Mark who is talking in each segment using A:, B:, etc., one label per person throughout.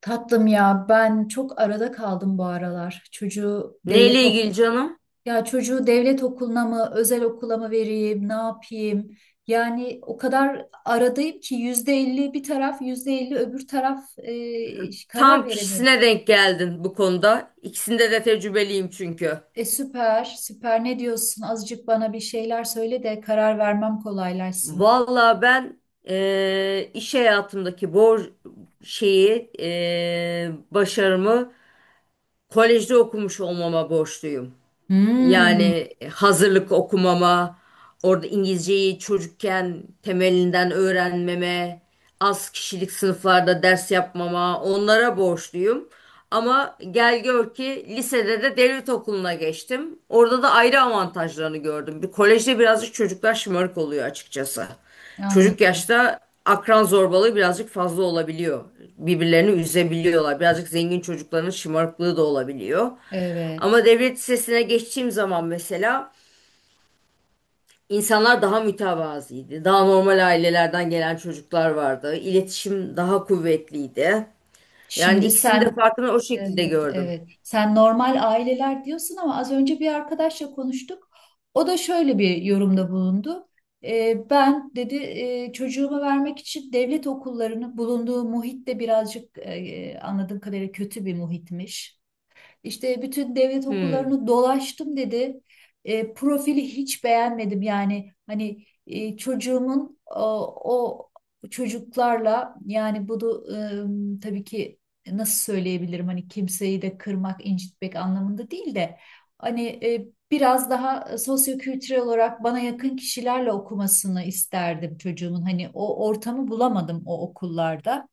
A: Tatlım ya ben çok arada kaldım bu aralar. Çocuğu devlet
B: Neyle
A: ok
B: ilgili canım?
A: ya çocuğu devlet okuluna mı özel okula mı vereyim ne yapayım? Yani o kadar aradayım ki yüzde elli bir taraf yüzde elli öbür taraf karar
B: Tam
A: veremiyorum.
B: kişisine denk geldin bu konuda. İkisinde de tecrübeliyim çünkü.
A: Süper süper ne diyorsun? Azıcık bana bir şeyler söyle de karar vermem kolaylaşsın.
B: Valla ben iş hayatımdaki bor şeyi başarımı kolejde okumuş olmama borçluyum.
A: Hmm,
B: Yani hazırlık okumama, orada İngilizceyi çocukken temelinden öğrenmeme, az kişilik sınıflarda ders yapmama onlara borçluyum. Ama gel gör ki lisede de devlet okuluna geçtim. Orada da ayrı avantajlarını gördüm. Bir kolejde birazcık çocuklar şımarık oluyor açıkçası. Çocuk
A: anladım.
B: yaşta akran zorbalığı birazcık fazla olabiliyor. Birbirlerini üzebiliyorlar. Birazcık zengin çocukların şımarıklığı da olabiliyor.
A: Evet.
B: Ama devlet lisesine geçtiğim zaman mesela insanlar daha mütevazıydı. Daha normal ailelerden gelen çocuklar vardı. İletişim daha kuvvetliydi. Yani
A: Şimdi
B: ikisinin de
A: sen
B: farkını o şekilde
A: evet,
B: gördüm.
A: evet. Sen normal aileler diyorsun ama az önce bir arkadaşla konuştuk. O da şöyle bir yorumda bulundu. Ben dedi çocuğumu vermek için devlet okullarının bulunduğu muhit de birazcık anladığım kadarıyla kötü bir muhitmiş. İşte bütün devlet
B: Hmm.
A: okullarını dolaştım dedi. Profili hiç beğenmedim, yani hani çocuğumun o çocuklarla, yani bunu tabii ki nasıl söyleyebilirim, hani kimseyi de kırmak, incitmek anlamında değil de hani biraz daha sosyokültürel olarak bana yakın kişilerle okumasını isterdim çocuğumun. Hani o ortamı bulamadım o okullarda.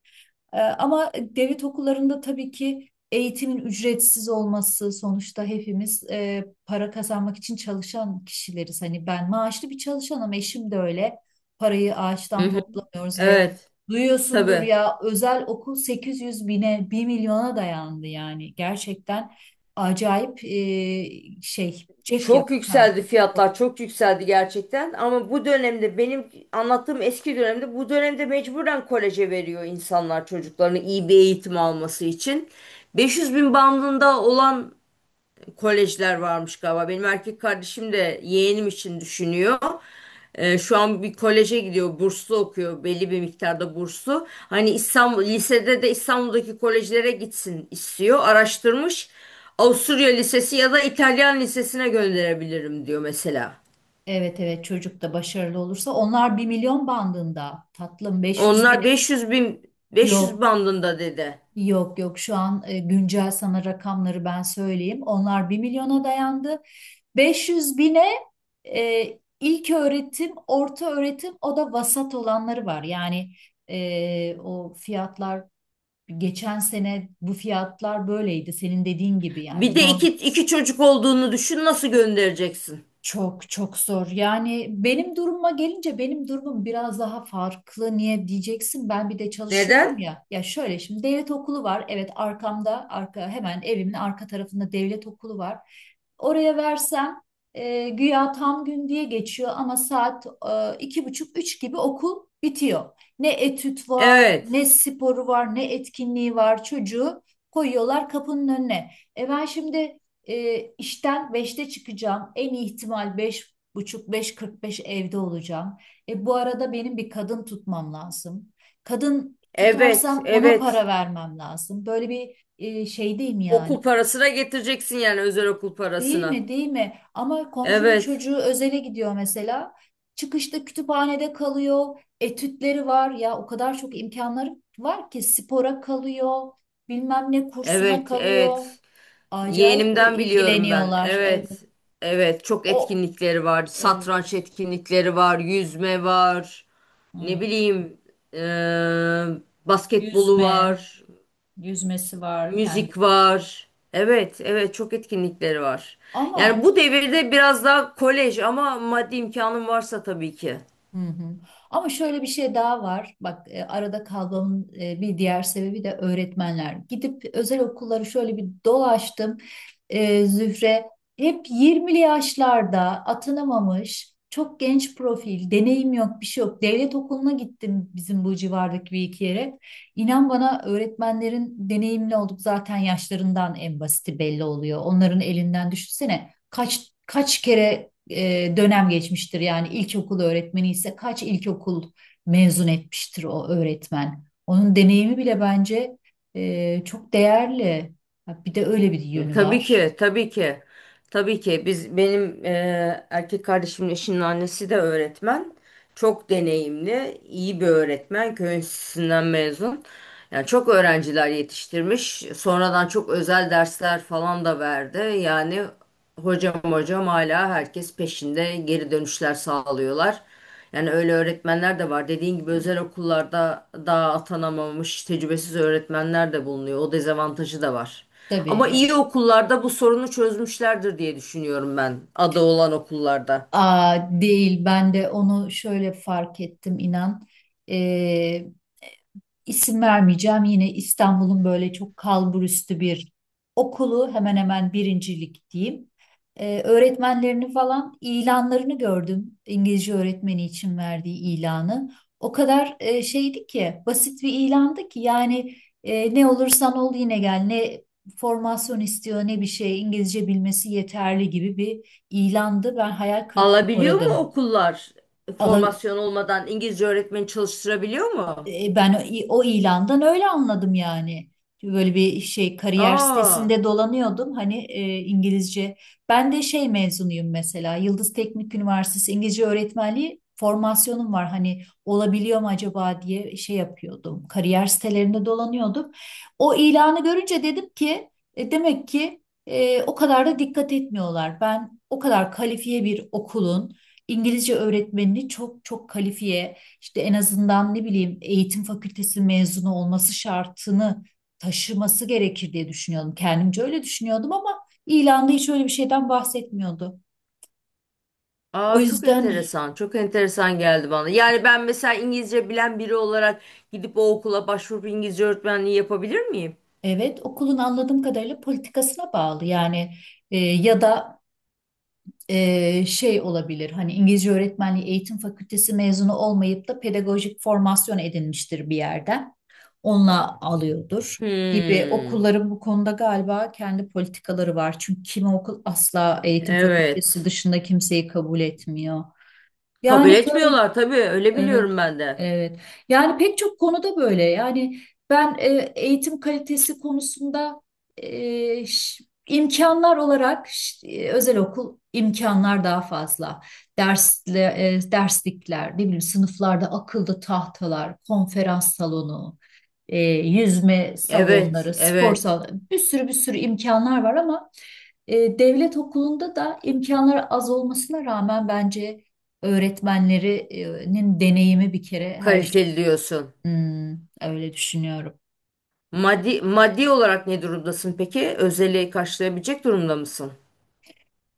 A: Ama devlet okullarında tabii ki eğitimin ücretsiz olması, sonuçta hepimiz para kazanmak için çalışan kişileriz. Hani ben maaşlı bir çalışanım, eşim de öyle. Parayı
B: Hı
A: ağaçtan
B: hı.
A: toplamıyoruz ve
B: Evet,
A: duyuyorsundur
B: tabii.
A: ya, özel okul 800 bine, bir milyona dayandı yani. Gerçekten acayip cep
B: Çok
A: yakan.
B: yükseldi
A: çok-
B: fiyatlar, çok yükseldi gerçekten. Ama bu dönemde benim anlattığım eski dönemde bu dönemde mecburen koleje veriyor insanlar çocuklarını iyi bir eğitim alması için. 500 bin bandında olan kolejler varmış galiba. Benim erkek kardeşim de yeğenim için düşünüyor. Şu an bir koleje gidiyor, burslu okuyor, belli bir miktarda burslu. Hani lisede de İstanbul'daki kolejlere gitsin istiyor. Araştırmış. Avusturya Lisesi ya da İtalyan Lisesi'ne gönderebilirim diyor mesela.
A: Evet, evet, çocuk da başarılı olursa onlar bir milyon bandında tatlım, 500 bine
B: Onlar 500 bin, 500
A: yok.
B: bandında dedi.
A: Yok yok, şu an güncel sana rakamları ben söyleyeyim. Onlar bir milyona dayandı. 500 bine e, ilk öğretim, orta öğretim o da vasat olanları var. Yani o fiyatlar geçen sene bu fiyatlar böyleydi. Senin dediğin gibi,
B: Bir
A: yani
B: de
A: normal.
B: iki çocuk olduğunu düşün, nasıl göndereceksin?
A: Çok çok zor. Yani benim durumuma gelince benim durumum biraz daha farklı. Niye diyeceksin? Ben bir de çalışıyorum
B: Neden?
A: ya. Ya şöyle, şimdi devlet okulu var. Evet, arkamda, arka hemen evimin arka tarafında devlet okulu var. Oraya versem güya tam gün diye geçiyor ama saat iki buçuk üç gibi okul bitiyor. Ne etüt var,
B: Evet.
A: ne sporu var, ne etkinliği var. Çocuğu koyuyorlar kapının önüne. E ben şimdi işten 5'te çıkacağım. En iyi ihtimal 5 buçuk, beş kırk beş evde olacağım. E, bu arada benim bir kadın tutmam lazım. Kadın
B: Evet,
A: tutarsam ona para
B: evet.
A: vermem lazım. Böyle bir şeydeyim yani.
B: Okul parasına getireceksin yani, özel okul
A: Değil
B: parasına.
A: mi? Değil mi? Ama komşunun
B: Evet.
A: çocuğu özele gidiyor mesela. Çıkışta kütüphanede kalıyor. Etütleri var ya, o kadar çok imkanları var ki spora kalıyor. Bilmem ne kursuna
B: Evet,
A: kalıyor.
B: evet.
A: Acayip
B: Yeğenimden biliyorum ben.
A: ilgileniyorlar. Evet.
B: Evet. Evet, çok
A: O
B: etkinlikleri var. Satranç
A: evet.
B: etkinlikleri var, yüzme var. Ne
A: Hmm.
B: bileyim, eee, basketbolu
A: Yüzme,
B: var,
A: yüzmesi var kendi.
B: müzik var. Evet, evet çok etkinlikleri var. Yani
A: Ama
B: bu devirde biraz daha kolej, ama maddi imkanın varsa tabii ki.
A: hı hı. Ama şöyle bir şey daha var. Bak arada kalmamın bir diğer sebebi de öğretmenler. Gidip özel okulları şöyle bir dolaştım. E, Zühre, hep 20'li yaşlarda atanamamış, çok genç profil, deneyim yok, bir şey yok. Devlet okuluna gittim bizim bu civardaki bir iki yere. İnan bana, öğretmenlerin deneyimli olduk zaten yaşlarından, en basiti belli oluyor. Onların elinden düşünsene kaç kere dönem geçmiştir. Yani ilkokul öğretmeni ise kaç ilkokul mezun etmiştir o öğretmen. Onun deneyimi bile bence çok değerli. Ha, bir de öyle bir
B: E,
A: yönü
B: Tabii
A: var.
B: ki, tabii ki. Tabii ki biz benim erkek kardeşimin eşinin annesi de öğretmen. Çok deneyimli, iyi bir öğretmen. Köy enstitüsünden mezun. Yani çok öğrenciler yetiştirmiş. Sonradan çok özel dersler falan da verdi. Yani hocam hocam hala herkes peşinde, geri dönüşler sağlıyorlar. Yani öyle öğretmenler de var. Dediğin gibi özel okullarda daha atanamamış tecrübesiz öğretmenler de bulunuyor. O dezavantajı da var. Ama
A: Tabii,
B: iyi okullarda bu sorunu çözmüşlerdir diye düşünüyorum ben. Adı olan okullarda.
A: aa, değil, ben de onu şöyle fark ettim inan. Ee, isim vermeyeceğim, yine İstanbul'un böyle çok kalburüstü bir okulu, hemen hemen birincilik diyeyim. Öğretmenlerini falan, ilanlarını gördüm. İngilizce öğretmeni için verdiği ilanı. O kadar şeydi ki, basit bir ilandı ki, yani ne olursan ol yine gel, ne formasyon istiyor, ne bir şey, İngilizce bilmesi yeterli gibi bir ilandı. Ben hayal kırıklığına
B: Alabiliyor mu
A: uğradım.
B: okullar
A: Ala-
B: formasyon olmadan İngilizce öğretmeni çalıştırabiliyor mu?
A: Ben o ilandan öyle anladım yani. Böyle bir şey, kariyer
B: Aa,
A: sitesinde dolanıyordum hani İngilizce. Ben de şey mezunuyum mesela, Yıldız Teknik Üniversitesi İngilizce öğretmenliği, formasyonum var. Hani olabiliyor mu acaba diye şey yapıyordum. Kariyer sitelerinde dolanıyordum. O ilanı görünce dedim ki demek ki o kadar da dikkat etmiyorlar. Ben o kadar kalifiye bir okulun İngilizce öğretmenini çok çok kalifiye, işte en azından ne bileyim eğitim fakültesi mezunu olması şartını taşıması gerekir diye düşünüyordum. Kendimce öyle düşünüyordum ama ilanda hiç öyle bir şeyden bahsetmiyordu. O
B: aa çok
A: yüzden
B: enteresan. Çok enteresan geldi bana. Yani ben mesela İngilizce bilen biri olarak gidip o okula başvurup İngilizce öğretmenliği yapabilir miyim?
A: evet, okulun anladığım kadarıyla politikasına bağlı yani. Ya da şey olabilir. Hani İngilizce öğretmenliği eğitim fakültesi mezunu olmayıp da pedagojik formasyon edinmiştir bir yerden. Onunla alıyordur gibi,
B: Hmm.
A: okulların bu konuda galiba kendi politikaları var. Çünkü kimi okul asla eğitim fakültesi
B: Evet.
A: dışında kimseyi kabul etmiyor.
B: Kabul
A: Yani
B: etmiyorlar tabii. Öyle
A: evet,
B: biliyorum ben de.
A: evet. Yani pek çok konuda böyle. Yani ben e, eğitim kalitesi konusunda e, ş- imkanlar olarak özel okul imkanlar daha fazla. Dersle, derslikler, ne bileyim sınıflarda akıllı tahtalar, konferans salonu, yüzme
B: Evet,
A: salonları, spor
B: evet.
A: salonu, bir sürü imkanlar var ama devlet okulunda da imkanlar az olmasına rağmen, bence öğretmenlerinin deneyimi bir kere her şey.
B: Kaliteli diyorsun.
A: Hmm, öyle düşünüyorum.
B: Maddi, maddi olarak ne durumdasın peki? Özeli karşılayabilecek durumda mısın?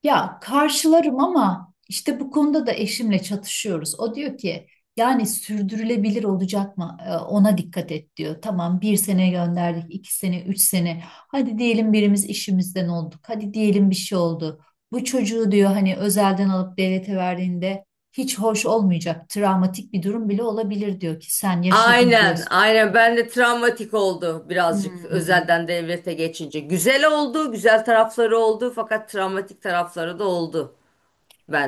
A: Ya karşılarım ama işte bu konuda da eşimle çatışıyoruz. O diyor ki yani sürdürülebilir olacak mı? Ona dikkat et diyor. Tamam, bir sene gönderdik, iki sene, üç sene. Hadi diyelim birimiz işimizden olduk. Hadi diyelim bir şey oldu. Bu çocuğu diyor, hani özelden alıp devlete verdiğinde hiç hoş olmayacak. Travmatik bir durum bile olabilir diyor ki sen yaşadın
B: Aynen,
A: diyorsun.
B: aynen. Ben de travmatik oldu birazcık
A: Hmm.
B: özelden devlete geçince. Güzel oldu, güzel tarafları oldu fakat travmatik tarafları da oldu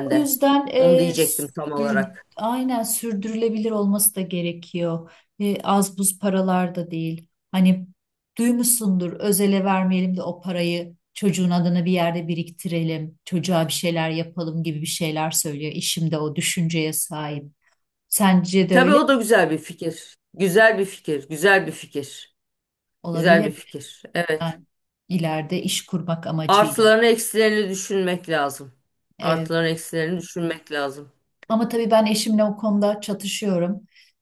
A: O yüzden
B: Onu diyecektim tam
A: sür-
B: olarak.
A: aynen, sürdürülebilir olması da gerekiyor. E, az buz paralar da değil. Hani duymuşsundur, özele vermeyelim de o parayı çocuğun adına bir yerde biriktirelim. Çocuğa bir şeyler yapalım gibi bir şeyler söylüyor. İşimde o düşünceye sahip. Sence de
B: Tabii
A: öyle mi?
B: o da güzel bir fikir. Güzel bir fikir, güzel bir fikir. Güzel
A: Olabilir
B: bir
A: mi?
B: fikir. Evet.
A: Yani ileride iş kurmak amacıyla.
B: Artılarını eksilerini düşünmek lazım.
A: E,
B: Artılarını eksilerini düşünmek lazım.
A: ama tabii ben eşimle o konuda çatışıyorum.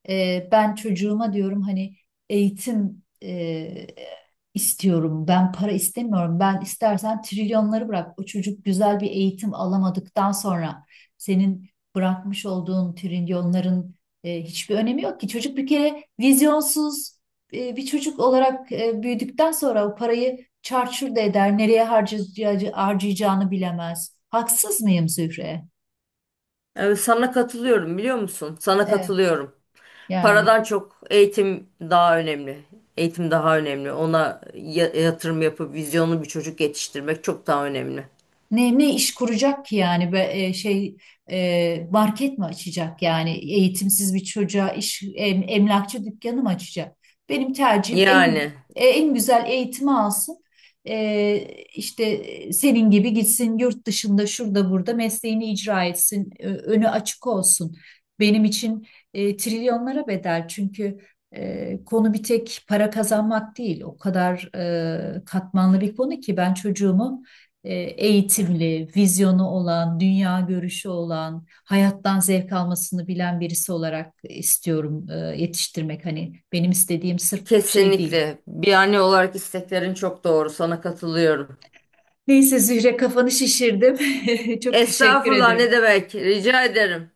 A: Ben çocuğuma diyorum hani eğitim istiyorum. Ben para istemiyorum. Ben istersen trilyonları bırak. O çocuk güzel bir eğitim alamadıktan sonra senin bırakmış olduğun trilyonların hiçbir önemi yok ki. Çocuk bir kere vizyonsuz bir çocuk olarak büyüdükten sonra o parayı çarçur da eder. Nereye harcayacağını bilemez. Haksız mıyım Zühre?
B: Evet, sana katılıyorum biliyor musun? Sana
A: Evet.
B: katılıyorum.
A: Yani.
B: Paradan çok eğitim daha önemli. Eğitim daha önemli. Ona yatırım yapıp vizyonlu bir çocuk yetiştirmek çok daha önemli.
A: Ne iş kuracak ki yani be, e, şey e, market mi açacak, yani eğitimsiz bir çocuğa iş emlakçı dükkanı mı açacak? Benim tercihim
B: Yani
A: en güzel eğitimi alsın. E, işte senin gibi gitsin, yurt dışında şurada burada mesleğini icra etsin, önü açık olsun. Benim için trilyonlara bedel, çünkü konu bir tek para kazanmak değil, o kadar katmanlı bir konu ki, ben çocuğumu eğitimli, vizyonu olan, dünya görüşü olan, hayattan zevk almasını bilen birisi olarak istiyorum yetiştirmek. Hani benim istediğim sırf şey değil.
B: kesinlikle bir anne olarak isteklerin çok doğru. Sana katılıyorum.
A: Neyse Zühre, kafanı şişirdim. Çok teşekkür
B: Estağfurullah, ne
A: ederim.
B: demek? Rica ederim.